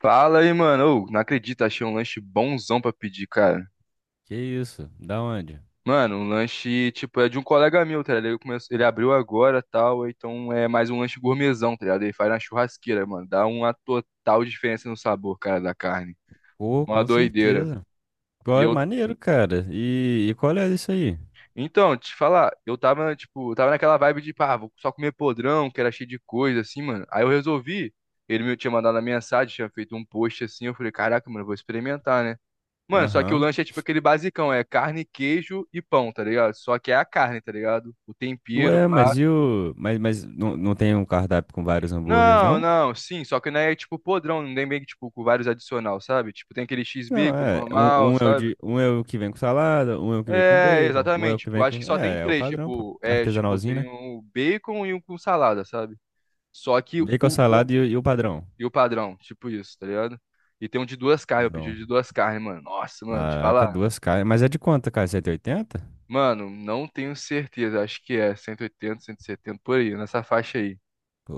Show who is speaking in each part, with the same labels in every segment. Speaker 1: Fala aí, mano. Ô, não acredito, achei um lanche bonzão pra pedir, cara.
Speaker 2: Que isso? Da onde?
Speaker 1: Mano, um lanche, tipo, é de um colega meu, tá ligado? Ele, começou, ele abriu agora tal, então é mais um lanche gourmetzão, tá ligado? Ele faz na churrasqueira, mano. Dá uma total diferença no sabor, cara, da carne.
Speaker 2: Pô,
Speaker 1: Uma
Speaker 2: com
Speaker 1: doideira.
Speaker 2: certeza. Qual
Speaker 1: E
Speaker 2: é
Speaker 1: eu.
Speaker 2: maneiro, cara. E qual é isso aí?
Speaker 1: Então, te falar, eu tava, tipo, eu tava naquela vibe de, pá, vou só comer podrão, que era cheio de coisa, assim, mano. Aí eu resolvi. Ele me tinha mandado a mensagem, tinha feito um post assim. Eu falei, caraca, mano, eu vou experimentar, né? Mano, só que o
Speaker 2: Aham.
Speaker 1: lanche é tipo aquele basicão, é carne, queijo e pão, tá ligado? Só que é a carne, tá ligado? O tempero,
Speaker 2: Ué,
Speaker 1: pá.
Speaker 2: mas não tem um cardápio com vários hambúrgueres,
Speaker 1: Não,
Speaker 2: não?
Speaker 1: não, sim, só que não é tipo podrão, não tem meio que tipo com vários adicional, sabe? Tipo, tem aquele
Speaker 2: Não,
Speaker 1: X-bico
Speaker 2: é. Um,
Speaker 1: normal,
Speaker 2: um é o
Speaker 1: sabe?
Speaker 2: de, um é o que vem com salada, um é o que vem com
Speaker 1: É,
Speaker 2: bacon, um é o
Speaker 1: exatamente,
Speaker 2: que
Speaker 1: tipo,
Speaker 2: vem
Speaker 1: acho que
Speaker 2: com.
Speaker 1: só tem
Speaker 2: É o
Speaker 1: três,
Speaker 2: padrão, pô.
Speaker 1: tipo, é, tipo,
Speaker 2: Artesanalzinho,
Speaker 1: tem
Speaker 2: né?
Speaker 1: um bacon e um com salada, sabe? Só que
Speaker 2: Bacon,
Speaker 1: o
Speaker 2: salada
Speaker 1: bom
Speaker 2: e o padrão.
Speaker 1: e o padrão, tipo isso, tá ligado? E tem um de duas carnes, eu pedi o
Speaker 2: Então,
Speaker 1: de duas carnes, mano. Nossa, mano, te
Speaker 2: caraca,
Speaker 1: falar.
Speaker 2: duas carnes. Mas é de quanto, cara? Cento e oitenta?
Speaker 1: Mano, não tenho certeza. Acho que é cento e oitenta, 170 por aí, nessa faixa aí.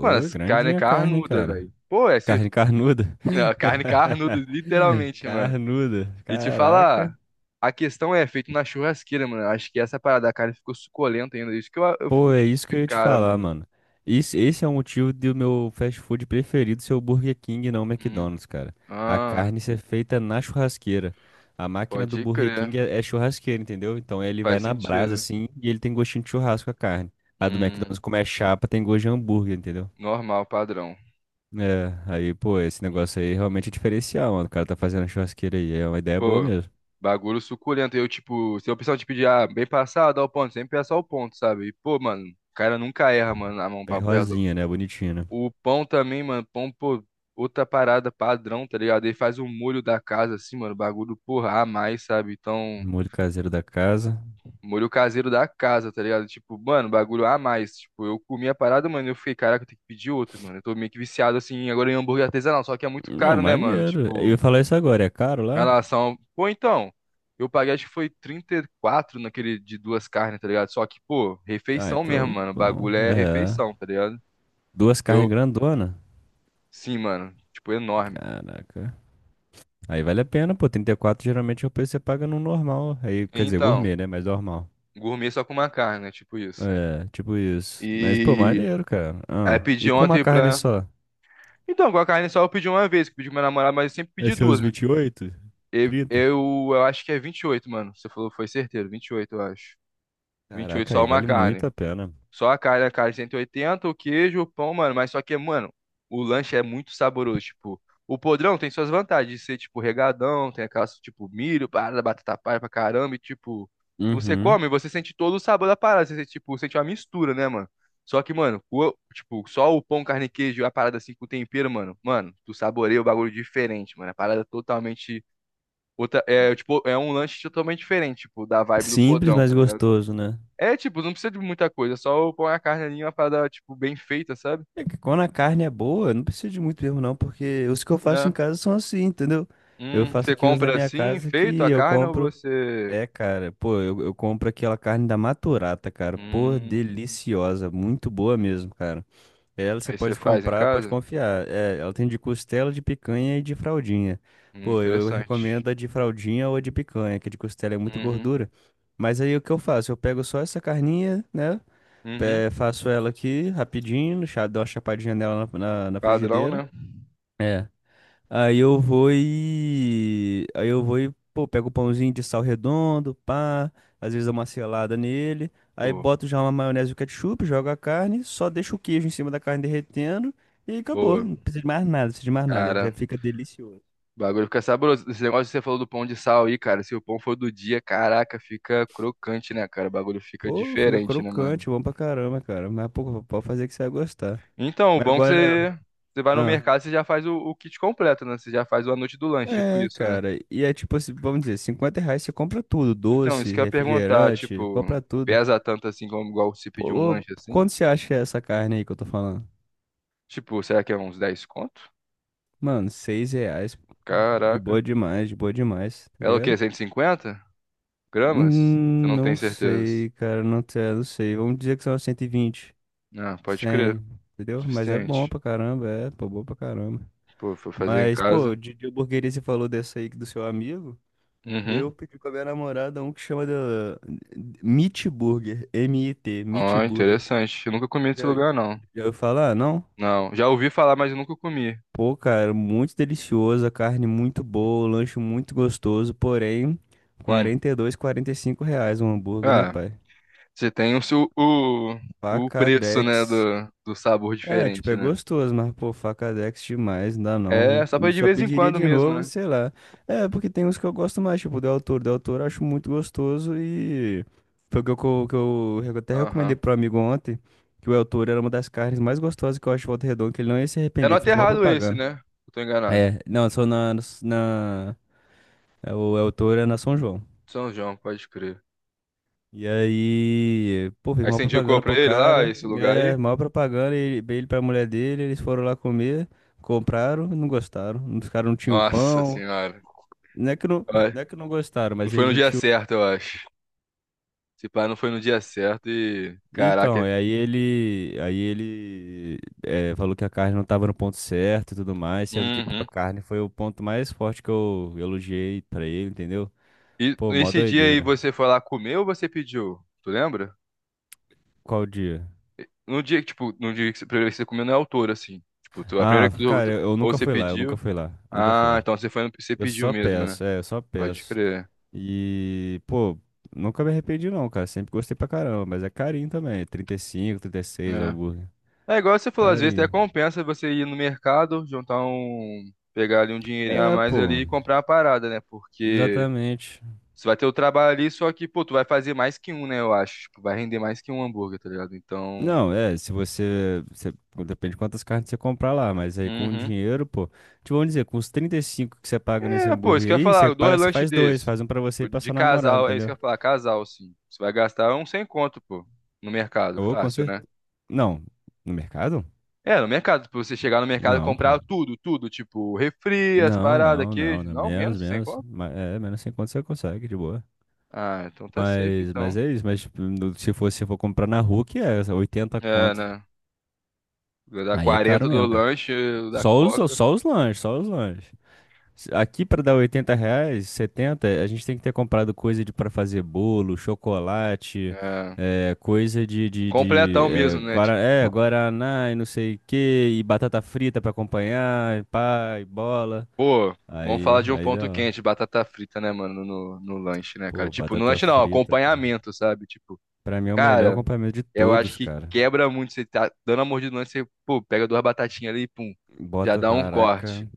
Speaker 1: Mano, essa carne é
Speaker 2: grandinha a carne,
Speaker 1: carnuda,
Speaker 2: cara.
Speaker 1: velho. Pô, é ser...
Speaker 2: Carne carnuda.
Speaker 1: é, carne carnuda, literalmente, mano.
Speaker 2: Carnuda.
Speaker 1: E te falar,
Speaker 2: Caraca.
Speaker 1: a questão é feito na churrasqueira, mano. Acho que essa parada da carne ficou suculenta ainda. Isso que eu
Speaker 2: Pô,
Speaker 1: fico
Speaker 2: é
Speaker 1: tipo
Speaker 2: isso que
Speaker 1: de
Speaker 2: eu ia te
Speaker 1: cara,
Speaker 2: falar,
Speaker 1: mano.
Speaker 2: mano. Esse é o motivo do meu fast food preferido ser o Burger King e não o
Speaker 1: Hum.
Speaker 2: McDonald's, cara. A
Speaker 1: Ah,
Speaker 2: carne ser feita na churrasqueira. A máquina do
Speaker 1: pode
Speaker 2: Burger
Speaker 1: crer.
Speaker 2: King é churrasqueira, entendeu? Então ele vai
Speaker 1: Faz
Speaker 2: na brasa
Speaker 1: sentido.
Speaker 2: assim e ele tem gostinho de churrasco a carne. A do
Speaker 1: Hum,
Speaker 2: McDonald's, como é chapa, tem gosto de hambúrguer, entendeu?
Speaker 1: normal, padrão.
Speaker 2: É, aí, pô, esse negócio aí realmente é diferencial, mano. O cara tá fazendo a churrasqueira aí. É uma ideia boa
Speaker 1: Pô,
Speaker 2: mesmo.
Speaker 1: bagulho suculento. Eu, tipo, se eu precisar te pedir, ah, bem passado, dá o ponto. Sempre é só o ponto, sabe? E, pô, mano, o cara nunca erra, mano, na mão,
Speaker 2: Bem
Speaker 1: papo reto.
Speaker 2: rosinha, né? Bonitinha, né?
Speaker 1: O pão também, mano, pão, pô, outra parada padrão, tá ligado? Ele faz o molho da casa, assim, mano, bagulho, porra, a mais, sabe? Então,
Speaker 2: Molho caseiro da casa.
Speaker 1: molho caseiro da casa, tá ligado? Tipo, mano, bagulho a mais. Tipo, eu comi a parada, mano, eu fiquei, caraca, eu tenho que pedir outro, mano. Eu tô meio que viciado, assim, agora em hambúrguer artesanal, só que é muito
Speaker 2: Não,
Speaker 1: caro, né, mano?
Speaker 2: maneiro. Eu ia
Speaker 1: Tipo.
Speaker 2: falar isso agora, é caro lá?
Speaker 1: Relação. Pô, então, eu paguei acho que foi 34 naquele de duas carnes, tá ligado? Só que, pô,
Speaker 2: Ah,
Speaker 1: refeição mesmo,
Speaker 2: então,
Speaker 1: mano. O
Speaker 2: bom.
Speaker 1: bagulho é
Speaker 2: É.
Speaker 1: refeição, tá ligado?
Speaker 2: Duas carnes
Speaker 1: Eu,
Speaker 2: grandona.
Speaker 1: sim, mano. Tipo, enorme.
Speaker 2: Caraca. Aí vale a pena, pô. 34 geralmente é o preço que você paga no normal. Aí, quer dizer,
Speaker 1: Então,
Speaker 2: gourmet, né? Mas normal.
Speaker 1: gourmet só com uma carne, né? Tipo isso.
Speaker 2: É, tipo isso. Mas, pô,
Speaker 1: E
Speaker 2: maneiro, cara.
Speaker 1: aí
Speaker 2: Ah.
Speaker 1: pedi
Speaker 2: E com uma
Speaker 1: ontem
Speaker 2: carne
Speaker 1: pra.
Speaker 2: só?
Speaker 1: Então, com a carne só eu pedi uma vez, que eu pedi com minha namorada, mas eu sempre
Speaker 2: É
Speaker 1: pedi duas,
Speaker 2: seus
Speaker 1: né?
Speaker 2: 28?
Speaker 1: Eu,
Speaker 2: 30?
Speaker 1: eu, eu acho que é 28 mano. Você falou, foi certeiro, 28 eu acho. 28
Speaker 2: Caraca,
Speaker 1: só
Speaker 2: aí
Speaker 1: uma
Speaker 2: vale
Speaker 1: carne.
Speaker 2: muito a pena.
Speaker 1: Só a carne 180 o queijo, o pão, mano. Mas só que, mano, o lanche é muito saboroso. Tipo, o podrão tem suas vantagens de ser, tipo, regadão, tem aquelas, tipo, milho, parada, batata palha pra caramba. E, tipo, você
Speaker 2: Uhum.
Speaker 1: come, você sente todo o sabor da parada. Você, sente, tipo, sente uma mistura, né, mano? Só que, mano, o- tipo, só o pão, carne e queijo e a parada assim com tempero, mano. Mano, tu saboreia o bagulho diferente, mano. A parada é totalmente. Outra, é, tipo, é um lanche totalmente diferente, tipo, da vibe do
Speaker 2: Simples,
Speaker 1: podrão, tá
Speaker 2: mas
Speaker 1: Sim. tá ligado?
Speaker 2: gostoso, né?
Speaker 1: É, tipo, não precisa de muita coisa, é só põe a carne ali, uma parada, tipo, bem feita, sabe?
Speaker 2: É que quando a carne é boa, eu não preciso de muito mesmo, não, porque os que eu faço em
Speaker 1: Né?
Speaker 2: casa são assim, entendeu? Eu faço
Speaker 1: Você
Speaker 2: aqui uns na
Speaker 1: compra
Speaker 2: minha
Speaker 1: assim,
Speaker 2: casa
Speaker 1: feito
Speaker 2: que
Speaker 1: a
Speaker 2: eu
Speaker 1: carne, ou
Speaker 2: compro.
Speaker 1: você...
Speaker 2: É, cara, pô, eu compro aquela carne da Maturata, cara. Pô,
Speaker 1: Hum,
Speaker 2: deliciosa, muito boa mesmo, cara. Ela você
Speaker 1: aí você
Speaker 2: pode
Speaker 1: faz em
Speaker 2: comprar, pode
Speaker 1: casa?
Speaker 2: confiar. É, ela tem de costela, de picanha e de fraldinha. Pô, eu
Speaker 1: Interessante.
Speaker 2: recomendo a de fraldinha ou a de picanha, que a de costela é muito
Speaker 1: Uhum,
Speaker 2: gordura. Mas aí o que eu faço? Eu pego só essa carninha, né?
Speaker 1: uhum.
Speaker 2: É, faço ela aqui rapidinho, dou uma chapadinha nela na
Speaker 1: Padrão,
Speaker 2: frigideira.
Speaker 1: né?
Speaker 2: É. Aí eu vou e, pô, pego o pãozinho de sal redondo, pá. Às vezes dou uma selada nele. Aí
Speaker 1: Pô,
Speaker 2: boto já uma maionese e o ketchup, jogo a carne, só deixo o queijo em cima da carne derretendo e acabou.
Speaker 1: boa.
Speaker 2: Não precisa de mais nada, não precisa de mais nada. Já
Speaker 1: Cara,
Speaker 2: fica delicioso.
Speaker 1: o bagulho fica saboroso. Esse negócio que você falou do pão de sal aí, cara, se o pão for do dia, caraca, fica crocante, né, cara? O bagulho fica
Speaker 2: Pô, fica
Speaker 1: diferente, né, mano?
Speaker 2: crocante, bom pra caramba, cara. Mas, pô, pode fazer que você vai gostar.
Speaker 1: Então, o
Speaker 2: Mas
Speaker 1: bom é que
Speaker 2: agora.
Speaker 1: você... Você vai no
Speaker 2: Ah,
Speaker 1: mercado, você já faz o kit completo, né? Você já faz o a noite do lanche, tipo
Speaker 2: é,
Speaker 1: isso, né?
Speaker 2: cara. E é tipo, assim, vamos dizer, R$ 50 você compra tudo,
Speaker 1: Então,
Speaker 2: doce,
Speaker 1: isso que eu ia perguntar,
Speaker 2: refrigerante,
Speaker 1: tipo,
Speaker 2: compra tudo.
Speaker 1: pesa tanto assim como igual se pedir um
Speaker 2: Pô,
Speaker 1: lanche assim?
Speaker 2: quanto você acha essa carne aí que eu tô falando?
Speaker 1: Tipo, será que é uns 10 conto?
Speaker 2: Mano, R$ 6.
Speaker 1: Caraca.
Speaker 2: De boa demais, tá
Speaker 1: Ela é o quê?
Speaker 2: ligado?
Speaker 1: 150 gramas? Eu
Speaker 2: Hum,
Speaker 1: não
Speaker 2: não
Speaker 1: tenho certeza.
Speaker 2: sei, cara, não sei, não sei. Vamos dizer que são 120.
Speaker 1: Ah, pode crer.
Speaker 2: 100, entendeu? Mas é bom
Speaker 1: Suficiente.
Speaker 2: pra caramba, é, pô, bom pra caramba.
Speaker 1: Pô, foi fazer em
Speaker 2: Mas, pô,
Speaker 1: casa.
Speaker 2: de hamburgueria você falou dessa aí do seu amigo? Eu
Speaker 1: Uhum.
Speaker 2: pedi com a minha namorada um que chama de Meat Burger, M-I-T, Meat
Speaker 1: Ó,
Speaker 2: Burger.
Speaker 1: interessante. Eu nunca comi
Speaker 2: Já,
Speaker 1: nesse lugar, não.
Speaker 2: já ouviu falar? Não?
Speaker 1: Não, já ouvi falar, mas eu nunca comi.
Speaker 2: Pô, cara, muito delicioso, a carne muito boa, o lanche muito gostoso, porém, quarenta
Speaker 1: Hum.
Speaker 2: quarenta e dois, quarenta e cinco reais um hambúrguer, né,
Speaker 1: Ah,
Speaker 2: pai?
Speaker 1: você tem o, seu- o preço, né,
Speaker 2: Pacadex.
Speaker 1: do, do sabor
Speaker 2: É, tipo,
Speaker 1: diferente,
Speaker 2: é
Speaker 1: né?
Speaker 2: gostoso, mas, pô, facadex demais, não dá
Speaker 1: É,
Speaker 2: não.
Speaker 1: só pra ir de
Speaker 2: Só
Speaker 1: vez em
Speaker 2: pediria
Speaker 1: quando
Speaker 2: de
Speaker 1: mesmo,
Speaker 2: novo,
Speaker 1: né?
Speaker 2: sei lá. É, porque tem uns que eu gosto mais, tipo, do autor. Do autor eu acho muito gostoso e foi o que eu até recomendei
Speaker 1: Aham.
Speaker 2: pro amigo ontem, que o autor era uma das carnes mais gostosas que eu acho de Volta Redonda, que ele não ia se
Speaker 1: É no
Speaker 2: arrepender, fiz mal
Speaker 1: Aterrado esse,
Speaker 2: propaganda.
Speaker 1: né? Eu tô enganado.
Speaker 2: É, não, só na, na, na- é, o autor é na São João.
Speaker 1: São João, pode crer.
Speaker 2: E aí, pô, fez
Speaker 1: Aí
Speaker 2: uma
Speaker 1: você indicou
Speaker 2: propaganda
Speaker 1: pra
Speaker 2: pro
Speaker 1: ele lá,
Speaker 2: cara.
Speaker 1: esse lugar
Speaker 2: É,
Speaker 1: aí?
Speaker 2: maior propaganda, ele pra mulher dele, eles foram lá comer, compraram, não gostaram. Os caras não tinham o
Speaker 1: Nossa
Speaker 2: pão.
Speaker 1: senhora.
Speaker 2: Não é que não,
Speaker 1: Ai,
Speaker 2: não é que não gostaram,
Speaker 1: não
Speaker 2: mas
Speaker 1: foi
Speaker 2: eles
Speaker 1: no
Speaker 2: não
Speaker 1: dia
Speaker 2: tinham.
Speaker 1: certo, eu acho. Esse pá não foi no dia certo e.
Speaker 2: Então,
Speaker 1: Caraca.
Speaker 2: e aí ele falou que a carne não estava no ponto certo e tudo mais, sendo que pô,
Speaker 1: Uhum.
Speaker 2: a carne foi o ponto mais forte que eu elogiei pra ele, entendeu?
Speaker 1: E
Speaker 2: Pô, mó
Speaker 1: esse dia aí
Speaker 2: doideira.
Speaker 1: você foi lá comer ou você pediu? Tu lembra?
Speaker 2: Qual dia?
Speaker 1: No dia que, tipo, no dia que você, primeira vez que você comeu não é autor, assim. Tipo, tu- a primeira
Speaker 2: Ah,
Speaker 1: que tu,
Speaker 2: cara,
Speaker 1: tu-
Speaker 2: eu
Speaker 1: ou
Speaker 2: nunca
Speaker 1: você
Speaker 2: fui lá, eu nunca
Speaker 1: pediu.
Speaker 2: fui lá, nunca fui
Speaker 1: Ah,
Speaker 2: lá.
Speaker 1: então você foi no, você
Speaker 2: Eu
Speaker 1: pediu
Speaker 2: só
Speaker 1: mesmo, né?
Speaker 2: peço, eu só
Speaker 1: Pode
Speaker 2: peço.
Speaker 1: crer.
Speaker 2: E, pô, nunca me arrependi não, cara. Sempre gostei pra caramba, mas é carinho também. 35, 36 o
Speaker 1: É.
Speaker 2: hambúrguer.
Speaker 1: É igual você falou, às vezes até
Speaker 2: Carinho.
Speaker 1: compensa você ir no mercado, juntar um, pegar ali um dinheirinho a
Speaker 2: É,
Speaker 1: mais ali
Speaker 2: pô,
Speaker 1: e comprar uma parada, né? Porque
Speaker 2: exatamente.
Speaker 1: você vai ter o trabalho ali, só que, pô, tu vai fazer mais que um, né? Eu acho. Tipo, vai render mais que um hambúrguer, tá ligado? Então.
Speaker 2: Não, é, se você. Depende de quantas carnes você comprar lá, mas aí com o
Speaker 1: Uhum.
Speaker 2: dinheiro, pô. Te vão dizer, com os 35 que você paga nesse
Speaker 1: É, pô, isso
Speaker 2: hambúrguer
Speaker 1: que eu ia
Speaker 2: aí, você
Speaker 1: falar, dois
Speaker 2: paga, você
Speaker 1: lanches
Speaker 2: faz dois,
Speaker 1: desses.
Speaker 2: faz um pra você e
Speaker 1: Tipo,
Speaker 2: pra
Speaker 1: de
Speaker 2: sua namorada,
Speaker 1: casal, é isso que eu
Speaker 2: entendeu?
Speaker 1: ia falar, casal, sim. Você vai gastar um sem conto, pô, no mercado,
Speaker 2: Ou com
Speaker 1: fácil, né?
Speaker 2: certeza. Não, no mercado?
Speaker 1: É, no mercado, pra você chegar no mercado e
Speaker 2: Não, pô.
Speaker 1: comprar tudo, tudo, tipo, refri, as
Speaker 2: Não,
Speaker 1: paradas,
Speaker 2: não, não,
Speaker 1: queijo,
Speaker 2: não.
Speaker 1: não,
Speaker 2: Menos,
Speaker 1: menos que sem
Speaker 2: menos.
Speaker 1: conto.
Speaker 2: É, menos 50 você consegue, de boa.
Speaker 1: Ah, então tá safe,
Speaker 2: Mas,
Speaker 1: então.
Speaker 2: mas é isso. Mas tipo, se for comprar na rua, que é 80
Speaker 1: É,
Speaker 2: conto.
Speaker 1: né? Dá
Speaker 2: Aí é
Speaker 1: 40
Speaker 2: caro
Speaker 1: do
Speaker 2: mesmo, cara.
Speaker 1: lanche, da Coca.
Speaker 2: Só os lanches, só os lanches. Aqui pra dar R$ 80, 70 a gente tem que ter comprado coisa de para fazer bolo, chocolate,
Speaker 1: É.
Speaker 2: é, coisa de, de, de
Speaker 1: Completão
Speaker 2: é,
Speaker 1: mesmo, né?
Speaker 2: guara- é,
Speaker 1: Tipo,
Speaker 2: guaraná e não sei o que, e batata frita pra acompanhar, e pá, e bola.
Speaker 1: pô, vamos falar
Speaker 2: Aí,
Speaker 1: de um
Speaker 2: aí
Speaker 1: ponto
Speaker 2: dá.
Speaker 1: quente, batata frita, né, mano, no, no lanche, né, cara?
Speaker 2: Pô,
Speaker 1: Tipo, no
Speaker 2: batata
Speaker 1: lanche não,
Speaker 2: frita, cara.
Speaker 1: acompanhamento, sabe? Tipo,
Speaker 2: Pra mim é o melhor
Speaker 1: cara,
Speaker 2: acompanhamento de
Speaker 1: eu acho
Speaker 2: todos,
Speaker 1: que
Speaker 2: cara.
Speaker 1: quebra muito. Você tá dando a mordida no lanche, você, pô, pega duas batatinhas ali e pum, já
Speaker 2: Bota,
Speaker 1: dá um
Speaker 2: caraca.
Speaker 1: corte.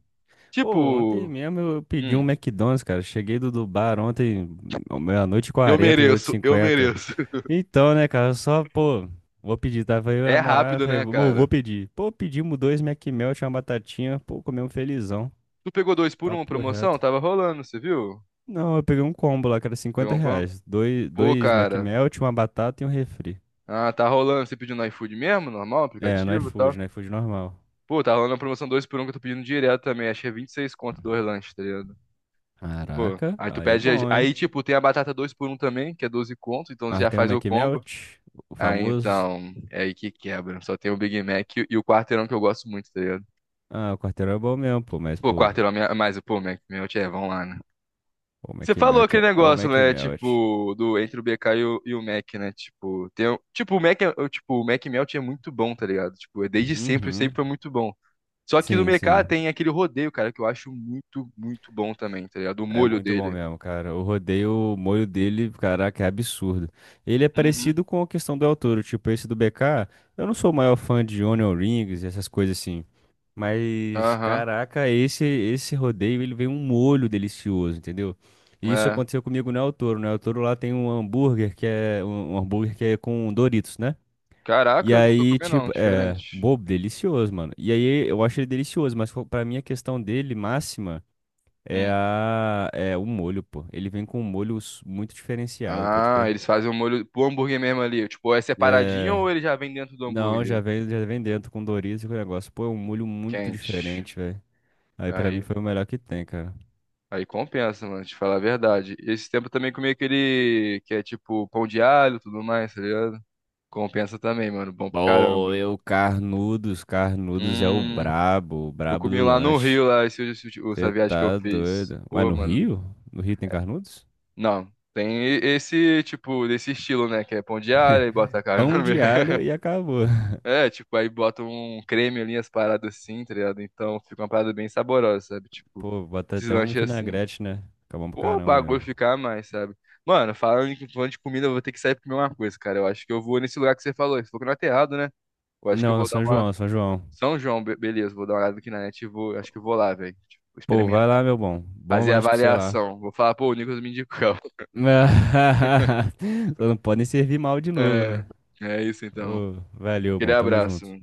Speaker 2: Pô, ontem
Speaker 1: Tipo,
Speaker 2: mesmo eu pedi um
Speaker 1: hum,
Speaker 2: McDonald's, cara. Cheguei do bar ontem, meia-noite e
Speaker 1: eu
Speaker 2: 40,
Speaker 1: mereço, eu
Speaker 2: 8h50.
Speaker 1: mereço.
Speaker 2: Então, né, cara, só, pô, vou pedir, tá? Falei, minha
Speaker 1: É
Speaker 2: namorada,
Speaker 1: rápido,
Speaker 2: falei,
Speaker 1: né,
Speaker 2: amor, vou
Speaker 1: cara?
Speaker 2: pedir. Pô, pedimos dois McMelt, uma batatinha, pô, comemos felizão.
Speaker 1: Tu pegou dois por um,
Speaker 2: Papo
Speaker 1: promoção?
Speaker 2: reto.
Speaker 1: Tava rolando, você viu?
Speaker 2: Não, eu peguei um combo lá, que era
Speaker 1: Pegou
Speaker 2: 50
Speaker 1: um com-
Speaker 2: reais. Dois,
Speaker 1: Pô,
Speaker 2: dois
Speaker 1: cara.
Speaker 2: McMelt, uma batata e um refri.
Speaker 1: Ah, tá rolando. Você pediu no iFood mesmo? Normal,
Speaker 2: É, no
Speaker 1: aplicativo e
Speaker 2: iFood,
Speaker 1: tal?
Speaker 2: no iFood normal.
Speaker 1: Pô, tá rolando a promoção 2 por um que eu tô pedindo direto também. Acho que é 26 conto dois lanches, tá ligado? Pô,
Speaker 2: Caraca,
Speaker 1: aí tu
Speaker 2: aí é
Speaker 1: pede. As-
Speaker 2: bom, hein?
Speaker 1: Aí, tipo, tem a batata 2 por um também, que é 12 conto, então você
Speaker 2: Mas
Speaker 1: já
Speaker 2: tem o
Speaker 1: faz o combo.
Speaker 2: McMelt, o
Speaker 1: Aí
Speaker 2: famoso.
Speaker 1: então, é aí que quebra. Só tem o Big Mac e o quarteirão que eu gosto muito, tá ligado?
Speaker 2: Ah, o quarteirão é bom mesmo, pô, mas,
Speaker 1: Pô,
Speaker 2: pô,
Speaker 1: quarteirão, é minha... mas, pô, Mac, meu, tchê, vamos lá, né?
Speaker 2: o
Speaker 1: Você falou
Speaker 2: McMelt
Speaker 1: aquele
Speaker 2: é o
Speaker 1: negócio, né?
Speaker 2: McMelt.
Speaker 1: Tipo, do entre o BK e o Mac, né? Tipo, tem, um- tipo, o Mac, é- o- tipo, o Mac Melt é muito bom, tá ligado? Tipo, é desde sempre, sempre
Speaker 2: Uhum.
Speaker 1: foi muito bom. Só que no
Speaker 2: Sim, sim.
Speaker 1: mercado tem aquele rodeio, cara, que eu acho muito, muito bom também, tá ligado? O
Speaker 2: É
Speaker 1: molho
Speaker 2: muito bom
Speaker 1: dele.
Speaker 2: mesmo, cara. Eu rodei o molho dele, caraca, é absurdo. Ele é
Speaker 1: Uhum.
Speaker 2: parecido com a questão do El Toro, tipo, esse do BK. Eu não sou o maior fã de Onion Rings e essas coisas assim. Mas,
Speaker 1: Aham.
Speaker 2: caraca, esse rodeio, ele vem um molho delicioso, entendeu? E isso
Speaker 1: É.
Speaker 2: aconteceu comigo no El Toro. No El Toro lá tem um hambúrguer que é um hambúrguer que é com Doritos, né? E
Speaker 1: Caraca, nunca
Speaker 2: aí,
Speaker 1: comi não,
Speaker 2: tipo, é,
Speaker 1: diferente.
Speaker 2: bobo, delicioso, mano. E aí eu acho ele delicioso, mas pra mim a questão dele máxima é
Speaker 1: Hum.
Speaker 2: a é o molho, pô. Ele vem com um molho muito diferenciado, pode
Speaker 1: Ah,
Speaker 2: crer.
Speaker 1: eles fazem o molho pro hambúrguer mesmo ali. Tipo, é separadinho
Speaker 2: É,
Speaker 1: ou ele já vem dentro do
Speaker 2: não, já
Speaker 1: hambúrguer?
Speaker 2: vem já vem dentro com Doritos e com o negócio. Pô, é um molho muito
Speaker 1: Quente.
Speaker 2: diferente, velho. Aí pra mim
Speaker 1: Aí,
Speaker 2: foi o melhor que tem, cara.
Speaker 1: aí compensa, mano, te falar a verdade. Esse tempo eu também comi aquele que é tipo pão de alho e tudo mais, tá ligado? Compensa também, mano. Bom pra
Speaker 2: Pô,
Speaker 1: caramba.
Speaker 2: Carnudos, Carnudos é
Speaker 1: Hum.
Speaker 2: o
Speaker 1: Eu
Speaker 2: brabo
Speaker 1: comi
Speaker 2: do
Speaker 1: lá no
Speaker 2: lanche.
Speaker 1: Rio, lá, esse-
Speaker 2: Você
Speaker 1: essa viagem que eu
Speaker 2: tá
Speaker 1: fiz.
Speaker 2: doido. Ué,
Speaker 1: Pô,
Speaker 2: no
Speaker 1: mano.
Speaker 2: Rio? No Rio tem Carnudos?
Speaker 1: Não. Tem e- esse, tipo, desse estilo, né? Que é pão de alho, aí bota a carne
Speaker 2: Pão
Speaker 1: no meio.
Speaker 2: de alho e acabou.
Speaker 1: É, tipo, aí bota um creme ali, as paradas assim, tá ligado? Então fica uma parada bem saborosa, sabe? Tipo,
Speaker 2: Pô, bota
Speaker 1: esses
Speaker 2: até um
Speaker 1: lanches assim.
Speaker 2: vinagrete, né? Fica bom pra
Speaker 1: Pô, o
Speaker 2: caramba
Speaker 1: bagulho
Speaker 2: mesmo.
Speaker 1: ficar mais, sabe? Mano, falando em- falando de comida, eu vou ter que sair pra comer uma coisa, cara. Eu acho que eu vou nesse lugar que você falou. Você falou que não é errado, né? Eu acho que eu
Speaker 2: Não, no
Speaker 1: vou dar
Speaker 2: São João,
Speaker 1: uma.
Speaker 2: no São João.
Speaker 1: São João, be- beleza, vou dar uma olhada aqui na net e vou. Acho que eu vou lá, velho. Tipo,
Speaker 2: Pô, vai lá, meu bom. Bom
Speaker 1: fazer a
Speaker 2: lanche pra você lá.
Speaker 1: avaliação. Vou falar, pô, o Nicolas me indicou.
Speaker 2: Só não podem servir mal de novo,
Speaker 1: É,
Speaker 2: né?
Speaker 1: é isso então.
Speaker 2: Ô, valeu,
Speaker 1: Aquele
Speaker 2: bom, tamo
Speaker 1: abraço.
Speaker 2: junto.